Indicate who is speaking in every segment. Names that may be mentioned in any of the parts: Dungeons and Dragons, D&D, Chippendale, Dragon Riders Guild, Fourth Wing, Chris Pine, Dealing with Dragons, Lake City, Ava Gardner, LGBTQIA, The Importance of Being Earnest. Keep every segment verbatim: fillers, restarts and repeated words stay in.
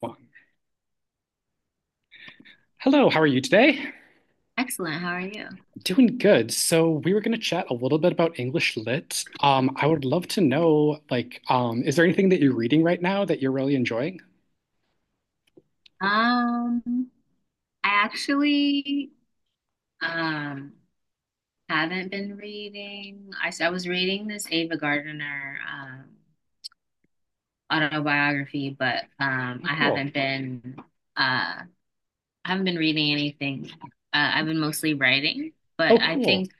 Speaker 1: Well, Hello, how are you today?
Speaker 2: Excellent. How are you?
Speaker 1: Doing good. So we were going to chat a little bit about English lit. Um, I would love to know, like, um, is there anything that you're reading right now that you're really enjoying?
Speaker 2: Um, I actually um haven't been reading. I, s- I was reading this Ava Gardner um autobiography, but um
Speaker 1: Oh,
Speaker 2: I
Speaker 1: cool.
Speaker 2: haven't been uh I haven't been reading anything. Uh, I've been mostly writing,
Speaker 1: Oh,
Speaker 2: but I
Speaker 1: cool.
Speaker 2: think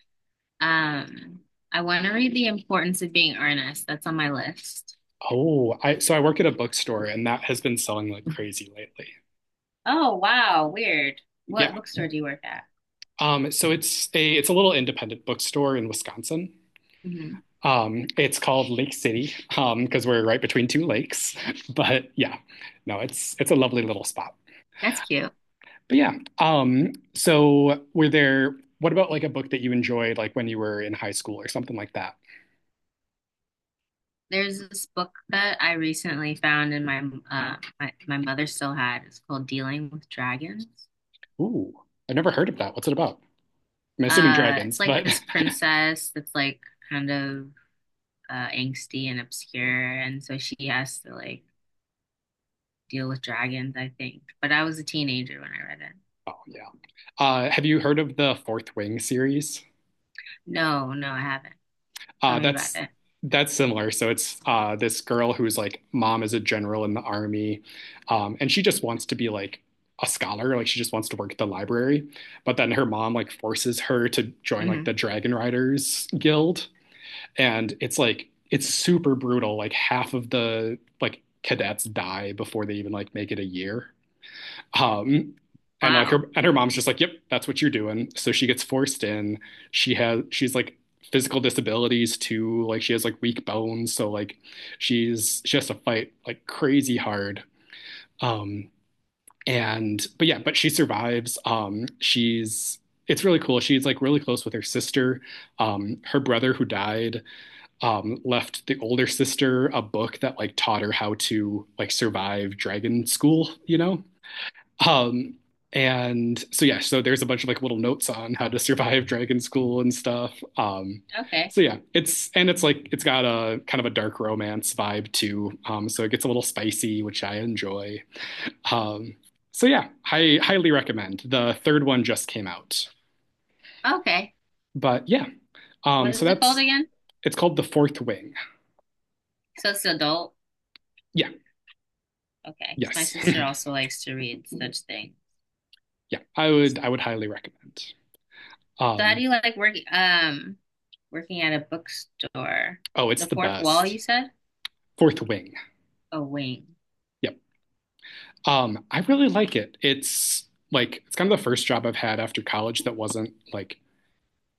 Speaker 2: um I want to read The Importance of Being Earnest. That's on my list.
Speaker 1: Oh, I so I work at a bookstore and that has been selling like crazy lately.
Speaker 2: Oh, wow, weird.
Speaker 1: Yeah,
Speaker 2: What bookstore do you work at?
Speaker 1: Um, so it's a it's a little independent bookstore in Wisconsin.
Speaker 2: Hmm.
Speaker 1: Um, it's called Lake City um, because um, we're right between two lakes. But yeah, no, it's it's a lovely little spot.
Speaker 2: That's cute.
Speaker 1: But yeah, um, so were there? What about like a book that you enjoyed, like when you were in high school or something like that?
Speaker 2: There's this book that I recently found, and my uh, my my mother still had. It's called Dealing with Dragons.
Speaker 1: Ooh, I've never heard of that. What's it about? I'm assuming
Speaker 2: Uh,
Speaker 1: dragons,
Speaker 2: it's like
Speaker 1: but
Speaker 2: this princess that's like kind of uh, angsty and obscure, and so she has to like deal with dragons, I think. But I was a teenager when I read it.
Speaker 1: oh yeah. Uh, have you heard of the Fourth Wing series?
Speaker 2: No, no, I haven't. Tell
Speaker 1: Uh,
Speaker 2: me about
Speaker 1: that's
Speaker 2: it.
Speaker 1: that's similar. So it's uh, this girl who's like mom is a general in the army, um, and she just wants to be like a scholar. Like she just wants to work at the library, but then her mom like forces her to join like
Speaker 2: Hmm.
Speaker 1: the Dragon Riders Guild, and it's like it's super brutal. Like half of the like cadets die before they even like make it a year. Um, and like her
Speaker 2: Wow.
Speaker 1: and her mom's just like, yep, that's what you're doing. So she gets forced in. She has she's like physical disabilities too. Like she has like weak bones, so like she's she has to fight like crazy hard. Um, and but yeah, but she survives. Um, she's it's really cool. She's like really close with her sister. Um, her brother who died um, left the older sister a book that like taught her how to like survive dragon school, you know? Um, and so yeah, so there's a bunch of like little notes on how to survive Dragon School and stuff. Um,
Speaker 2: Okay.
Speaker 1: so yeah, it's and it's like it's got a kind of a dark romance vibe too. Um, so it gets a little spicy, which I enjoy. Um, so yeah, I highly recommend. The third one just came out,
Speaker 2: Okay.
Speaker 1: but yeah, um,
Speaker 2: What
Speaker 1: so
Speaker 2: is it called
Speaker 1: that's
Speaker 2: again?
Speaker 1: it's called The Fourth Wing.
Speaker 2: So it's adult.
Speaker 1: Yeah,
Speaker 2: Okay. My
Speaker 1: yes,
Speaker 2: sister also likes to read such things.
Speaker 1: yeah, I would I would highly recommend.
Speaker 2: So how do
Speaker 1: Um,
Speaker 2: you like working um working at a bookstore.
Speaker 1: oh, it's
Speaker 2: The
Speaker 1: the
Speaker 2: fourth wall,
Speaker 1: best.
Speaker 2: you said?
Speaker 1: Fourth Wing.
Speaker 2: A wing.
Speaker 1: Yep. Um, I really like it. It's like it's kind of the first job I've had after college that wasn't like,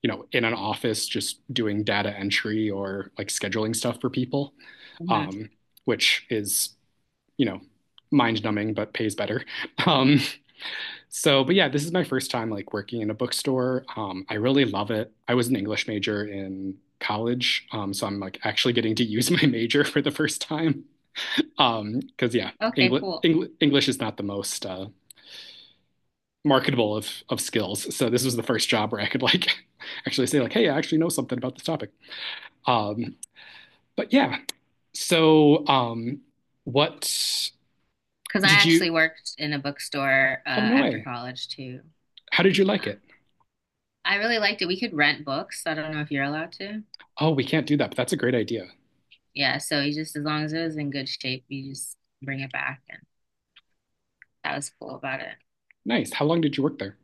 Speaker 1: you know, in an office just doing data entry or like scheduling stuff for people,
Speaker 2: Hmm.
Speaker 1: um, which is, you know, mind numbing but pays better. Um, so, but yeah, this is my first time like working in a bookstore. Um, I really love it. I was an English major in college, um, so I'm like actually getting to use my major for the first time. Um, because yeah,
Speaker 2: Okay,
Speaker 1: English
Speaker 2: cool.
Speaker 1: English is not the most uh, marketable of of skills. So this was the first job where I could like actually say like, hey, I actually know something about this topic. Um, but yeah, so um, what
Speaker 2: Because I
Speaker 1: did
Speaker 2: actually
Speaker 1: you?
Speaker 2: worked in a bookstore uh,
Speaker 1: Oh no
Speaker 2: after
Speaker 1: way!
Speaker 2: college too.
Speaker 1: How did you like
Speaker 2: Uh,
Speaker 1: it?
Speaker 2: I really liked it. We could rent books. I don't know if you're allowed to.
Speaker 1: Oh, we can't do that, but that's a great idea.
Speaker 2: Yeah, so you just as long as it was in good shape, you just bring it back, and that was cool about it.
Speaker 1: Nice. How long did you work there?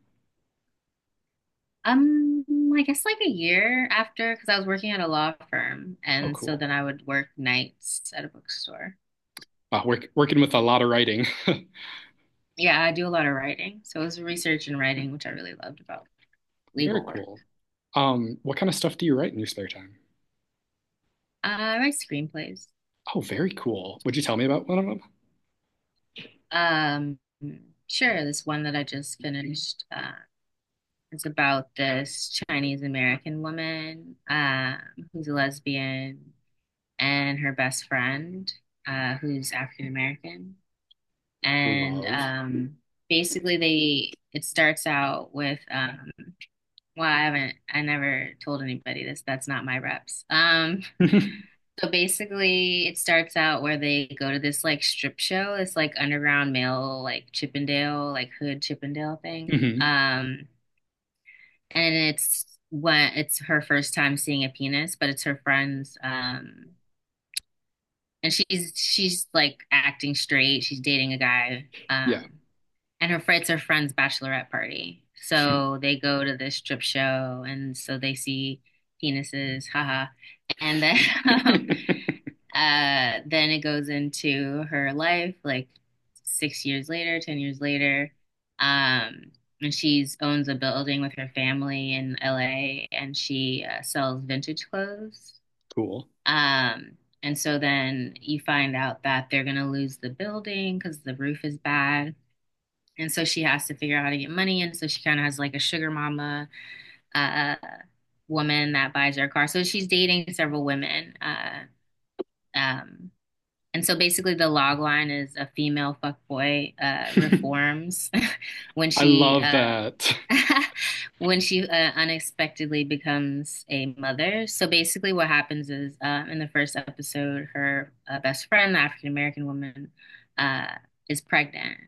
Speaker 2: Um, I guess like a year after, because I was working at a law firm,
Speaker 1: Oh,
Speaker 2: and so
Speaker 1: cool.
Speaker 2: then I would work nights at a bookstore.
Speaker 1: Wow, work, working with a lot of writing.
Speaker 2: Yeah, I do a lot of writing. So it was research and writing, which I really loved about
Speaker 1: Very
Speaker 2: legal work.
Speaker 1: cool. Um, what kind of stuff do you write in your spare time?
Speaker 2: Uh, I write screenplays.
Speaker 1: Oh, very cool. Would you tell me about one of them?
Speaker 2: Um, sure, this one that I just finished, uh, It's about this Chinese American woman, uh, who's a lesbian and her best friend, uh, who's African American. And
Speaker 1: Love.
Speaker 2: um, basically they it starts out with um, well, I haven't I never told anybody this. That's not my reps. Um
Speaker 1: hmm.
Speaker 2: So basically, it starts out where they go to this like strip show, this like underground male, like Chippendale, like hood Chippendale thing. Um, and it's when it's her first time seeing a penis, but it's her friend's. Um, and she's she's like acting straight. She's dating a guy.
Speaker 1: Yeah.
Speaker 2: Um, and her friend's her friend's bachelorette party. So they go to this strip show, and so they see penises. Haha. And then um, Uh, then it goes into her life, like six years later, ten years later. Um, and she owns a building with her family in L A and she uh, sells vintage clothes.
Speaker 1: cool.
Speaker 2: Um, and so then you find out that they're going to lose the building because the roof is bad. And so she has to figure out how to get money. And so she kind of has like a sugar mama uh, woman that buys her a car. So she's dating several women. Uh, um, and so basically, the log line is a female fuckboy uh, reforms when
Speaker 1: I
Speaker 2: she
Speaker 1: love
Speaker 2: uh,
Speaker 1: that.
Speaker 2: when she uh, unexpectedly becomes a mother. So basically, what happens is um, in the first episode, her uh, best friend, the African American woman, uh, is pregnant,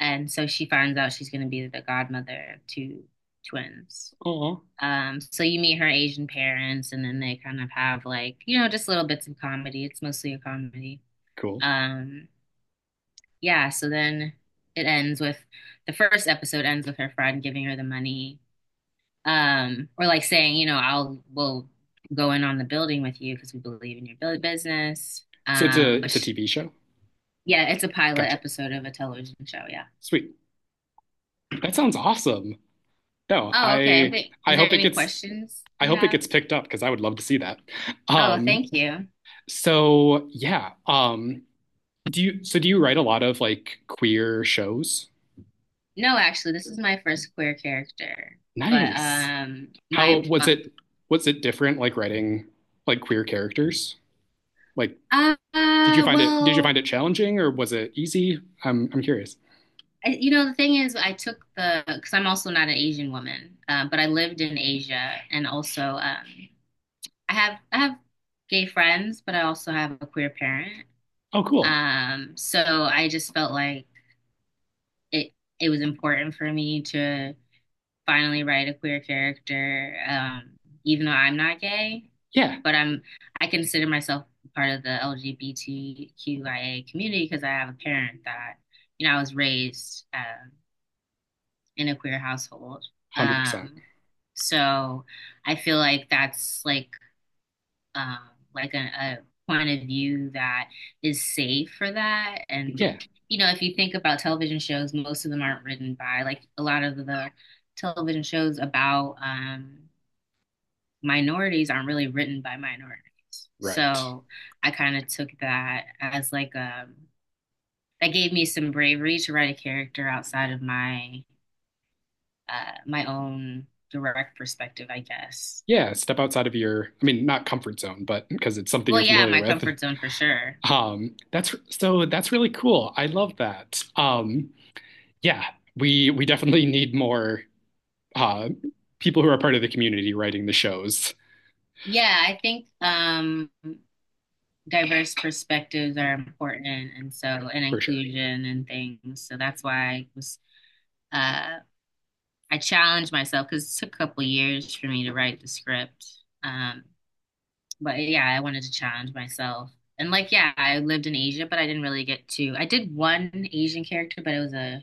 Speaker 2: and so she finds out she's going to be the godmother of two twins.
Speaker 1: Oh,
Speaker 2: Um, so you meet her Asian parents, and then they kind of have like you know just little bits of comedy. It's mostly a comedy.
Speaker 1: cool.
Speaker 2: Um, yeah, so then it ends with the first episode ends with her friend giving her the money, um, or like saying, you know, I'll we'll go in on the building with you because we believe in your build business.
Speaker 1: So it's a
Speaker 2: Um, but
Speaker 1: it's a
Speaker 2: sh
Speaker 1: T V show.
Speaker 2: yeah, it's a pilot
Speaker 1: Gotcha.
Speaker 2: episode of a television show. Yeah.
Speaker 1: Sweet. That sounds awesome. No,
Speaker 2: Oh, okay. I
Speaker 1: I
Speaker 2: think is
Speaker 1: I
Speaker 2: there
Speaker 1: hope it
Speaker 2: any
Speaker 1: gets
Speaker 2: questions
Speaker 1: I
Speaker 2: you
Speaker 1: hope it
Speaker 2: have?
Speaker 1: gets picked up because I would love to see that.
Speaker 2: Oh,
Speaker 1: Um,
Speaker 2: thank you.
Speaker 1: so yeah. Um, do you so do you write a lot of like queer shows?
Speaker 2: No, actually, this is my first queer character, but
Speaker 1: Nice.
Speaker 2: um,
Speaker 1: How
Speaker 2: my,
Speaker 1: was
Speaker 2: my
Speaker 1: it, was it different like writing like queer characters? Like
Speaker 2: uh,
Speaker 1: did you find it did you
Speaker 2: well.
Speaker 1: find it challenging or was it easy? I'm I'm curious.
Speaker 2: I, you know, the thing is, I took the because I'm also not an Asian woman, uh, but I lived in Asia, and also um, I have I have gay friends, but I also have a queer parent.
Speaker 1: Oh, cool.
Speaker 2: Um, so I just felt like it it was important for me to finally write a queer character, um, even though I'm not gay,
Speaker 1: Yeah,
Speaker 2: but I'm I consider myself part of the LGBTQIA community because I have a parent that you know I was raised. Um, in a queer household.
Speaker 1: one hundred percent.
Speaker 2: Um, so I feel like that's like um, like a, a point of view that is safe for that. And
Speaker 1: Yeah.
Speaker 2: you know, if you think about television shows, most of them aren't written by like a lot of the television shows about um, minorities aren't really written by minorities.
Speaker 1: Right.
Speaker 2: So I kind of took that as like um that gave me some bravery to write a character outside of my uh, my own direct perspective, I guess.
Speaker 1: Yeah, step outside of your, I mean, not comfort zone, but because it's something
Speaker 2: Well,
Speaker 1: you're
Speaker 2: yeah,
Speaker 1: familiar
Speaker 2: my
Speaker 1: with.
Speaker 2: comfort zone for sure.
Speaker 1: Um, that's so that's really cool. I love that. Um, yeah, we we definitely need more uh people who are part of the community writing the shows
Speaker 2: Yeah, I think um, diverse perspectives are important, and so and
Speaker 1: for sure.
Speaker 2: inclusion and things. So that's why I was uh, I challenged myself because it took a couple years for me to write the script. Um, but yeah, I wanted to challenge myself. And like, yeah, I lived in Asia, but I didn't really get to. I did one Asian character, but it was a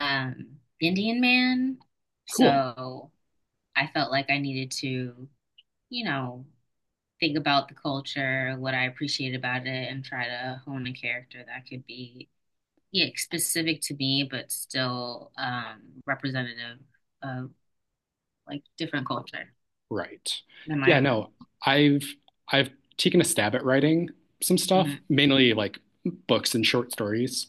Speaker 2: um, Indian man.
Speaker 1: Cool.
Speaker 2: So I felt like I needed to, you know, think about the culture, what I appreciate about it, and try to hone a character that could be, yeah, specific to me, but still um, representative of like different culture
Speaker 1: Right.
Speaker 2: than my
Speaker 1: Yeah,
Speaker 2: own.
Speaker 1: no, I've I've taken a stab at writing some stuff,
Speaker 2: Hmm.
Speaker 1: mainly like books and short stories.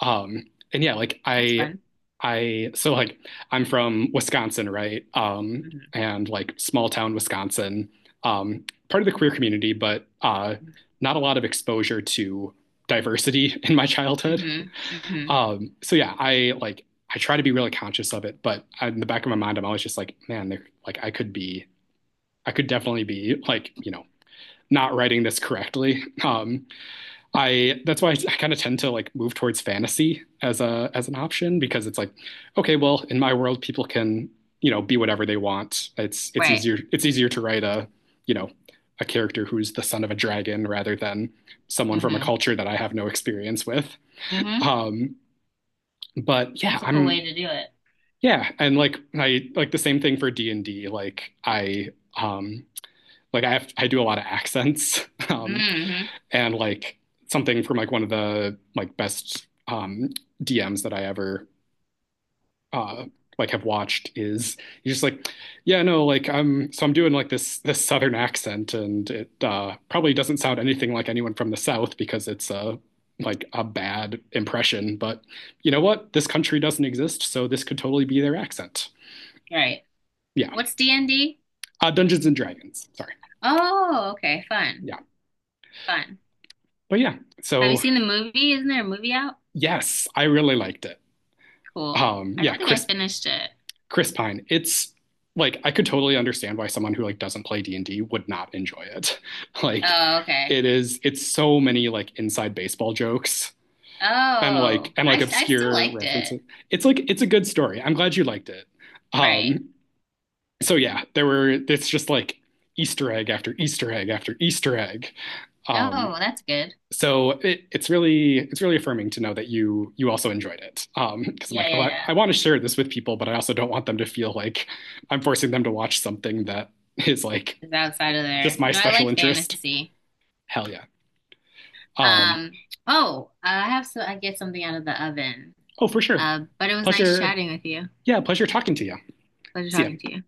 Speaker 1: Um, and yeah, like
Speaker 2: That's
Speaker 1: I,
Speaker 2: fun.
Speaker 1: I, so like I'm from Wisconsin, right? Um,
Speaker 2: Hmm.
Speaker 1: and like small town Wisconsin, um, part of the queer community, but uh, not a lot of exposure to diversity in my childhood.
Speaker 2: Hmm. Hmm.
Speaker 1: Um, so yeah, I like I try to be really conscious of it, but in the back of my mind, I'm always just like, man, there, like I could be, I could definitely be like, you know, not writing this correctly. Um, I that's why I, I kind of tend to like move towards fantasy as a as an option because it's like, okay, well, in my world, people can you know be whatever they want. It's it's
Speaker 2: Right.
Speaker 1: easier, it's easier to write a you know a character who's the son of a dragon rather than someone from a
Speaker 2: Hmm.
Speaker 1: culture that I have no experience with.
Speaker 2: Hmm.
Speaker 1: Um, but yeah,
Speaker 2: That's a cool way
Speaker 1: I'm
Speaker 2: to do it.
Speaker 1: yeah, and like I like the same thing for D and D. Like I um like I have I do a lot of accents. Um,
Speaker 2: Hmm.
Speaker 1: and like something from like one of the like best um, D Ms that I ever uh, like have watched is he's just like, yeah, no, like I'm so I'm doing like this this southern accent and it uh, probably doesn't sound anything like anyone from the south because it's a like a bad impression. But you know what? This country doesn't exist, so this could totally be their accent.
Speaker 2: Right.
Speaker 1: Yeah,
Speaker 2: What's D and D?
Speaker 1: uh, Dungeons and Dragons. Sorry.
Speaker 2: Oh, okay. Fun.
Speaker 1: Yeah,
Speaker 2: Fun.
Speaker 1: but yeah.
Speaker 2: Have you
Speaker 1: So
Speaker 2: seen the movie? Isn't there a movie out?
Speaker 1: yes, I really liked it.
Speaker 2: Cool.
Speaker 1: Um,
Speaker 2: I
Speaker 1: yeah,
Speaker 2: don't think I
Speaker 1: Chris
Speaker 2: finished it.
Speaker 1: Chris Pine. It's like I could totally understand why someone who like doesn't play D and D would not enjoy it. Like
Speaker 2: Oh, okay.
Speaker 1: it is, it's so many like inside baseball jokes and like
Speaker 2: Oh,
Speaker 1: and
Speaker 2: I,
Speaker 1: like
Speaker 2: I still
Speaker 1: obscure
Speaker 2: liked it.
Speaker 1: references. It's like it's a good story. I'm glad you liked it.
Speaker 2: Right.
Speaker 1: Um, so yeah, there were it's just like Easter egg after Easter egg after Easter egg. Um,
Speaker 2: Oh, that's good.
Speaker 1: so it, it's really, it's really affirming to know that you you also enjoyed it, um, because I'm
Speaker 2: Yeah,
Speaker 1: like oh
Speaker 2: yeah,
Speaker 1: i,
Speaker 2: yeah.
Speaker 1: I want to share this with people but I also don't want them to feel like I'm forcing them to watch something that is like
Speaker 2: It's outside of
Speaker 1: just
Speaker 2: there.
Speaker 1: my
Speaker 2: No, I
Speaker 1: special
Speaker 2: like
Speaker 1: interest.
Speaker 2: fantasy.
Speaker 1: Hell yeah. um
Speaker 2: Um, oh, I have so I get something out of the oven.
Speaker 1: oh for sure.
Speaker 2: Uh, but it was nice
Speaker 1: Pleasure,
Speaker 2: chatting with you.
Speaker 1: yeah, pleasure talking to you.
Speaker 2: Pleasure
Speaker 1: See
Speaker 2: talking to
Speaker 1: ya.
Speaker 2: you.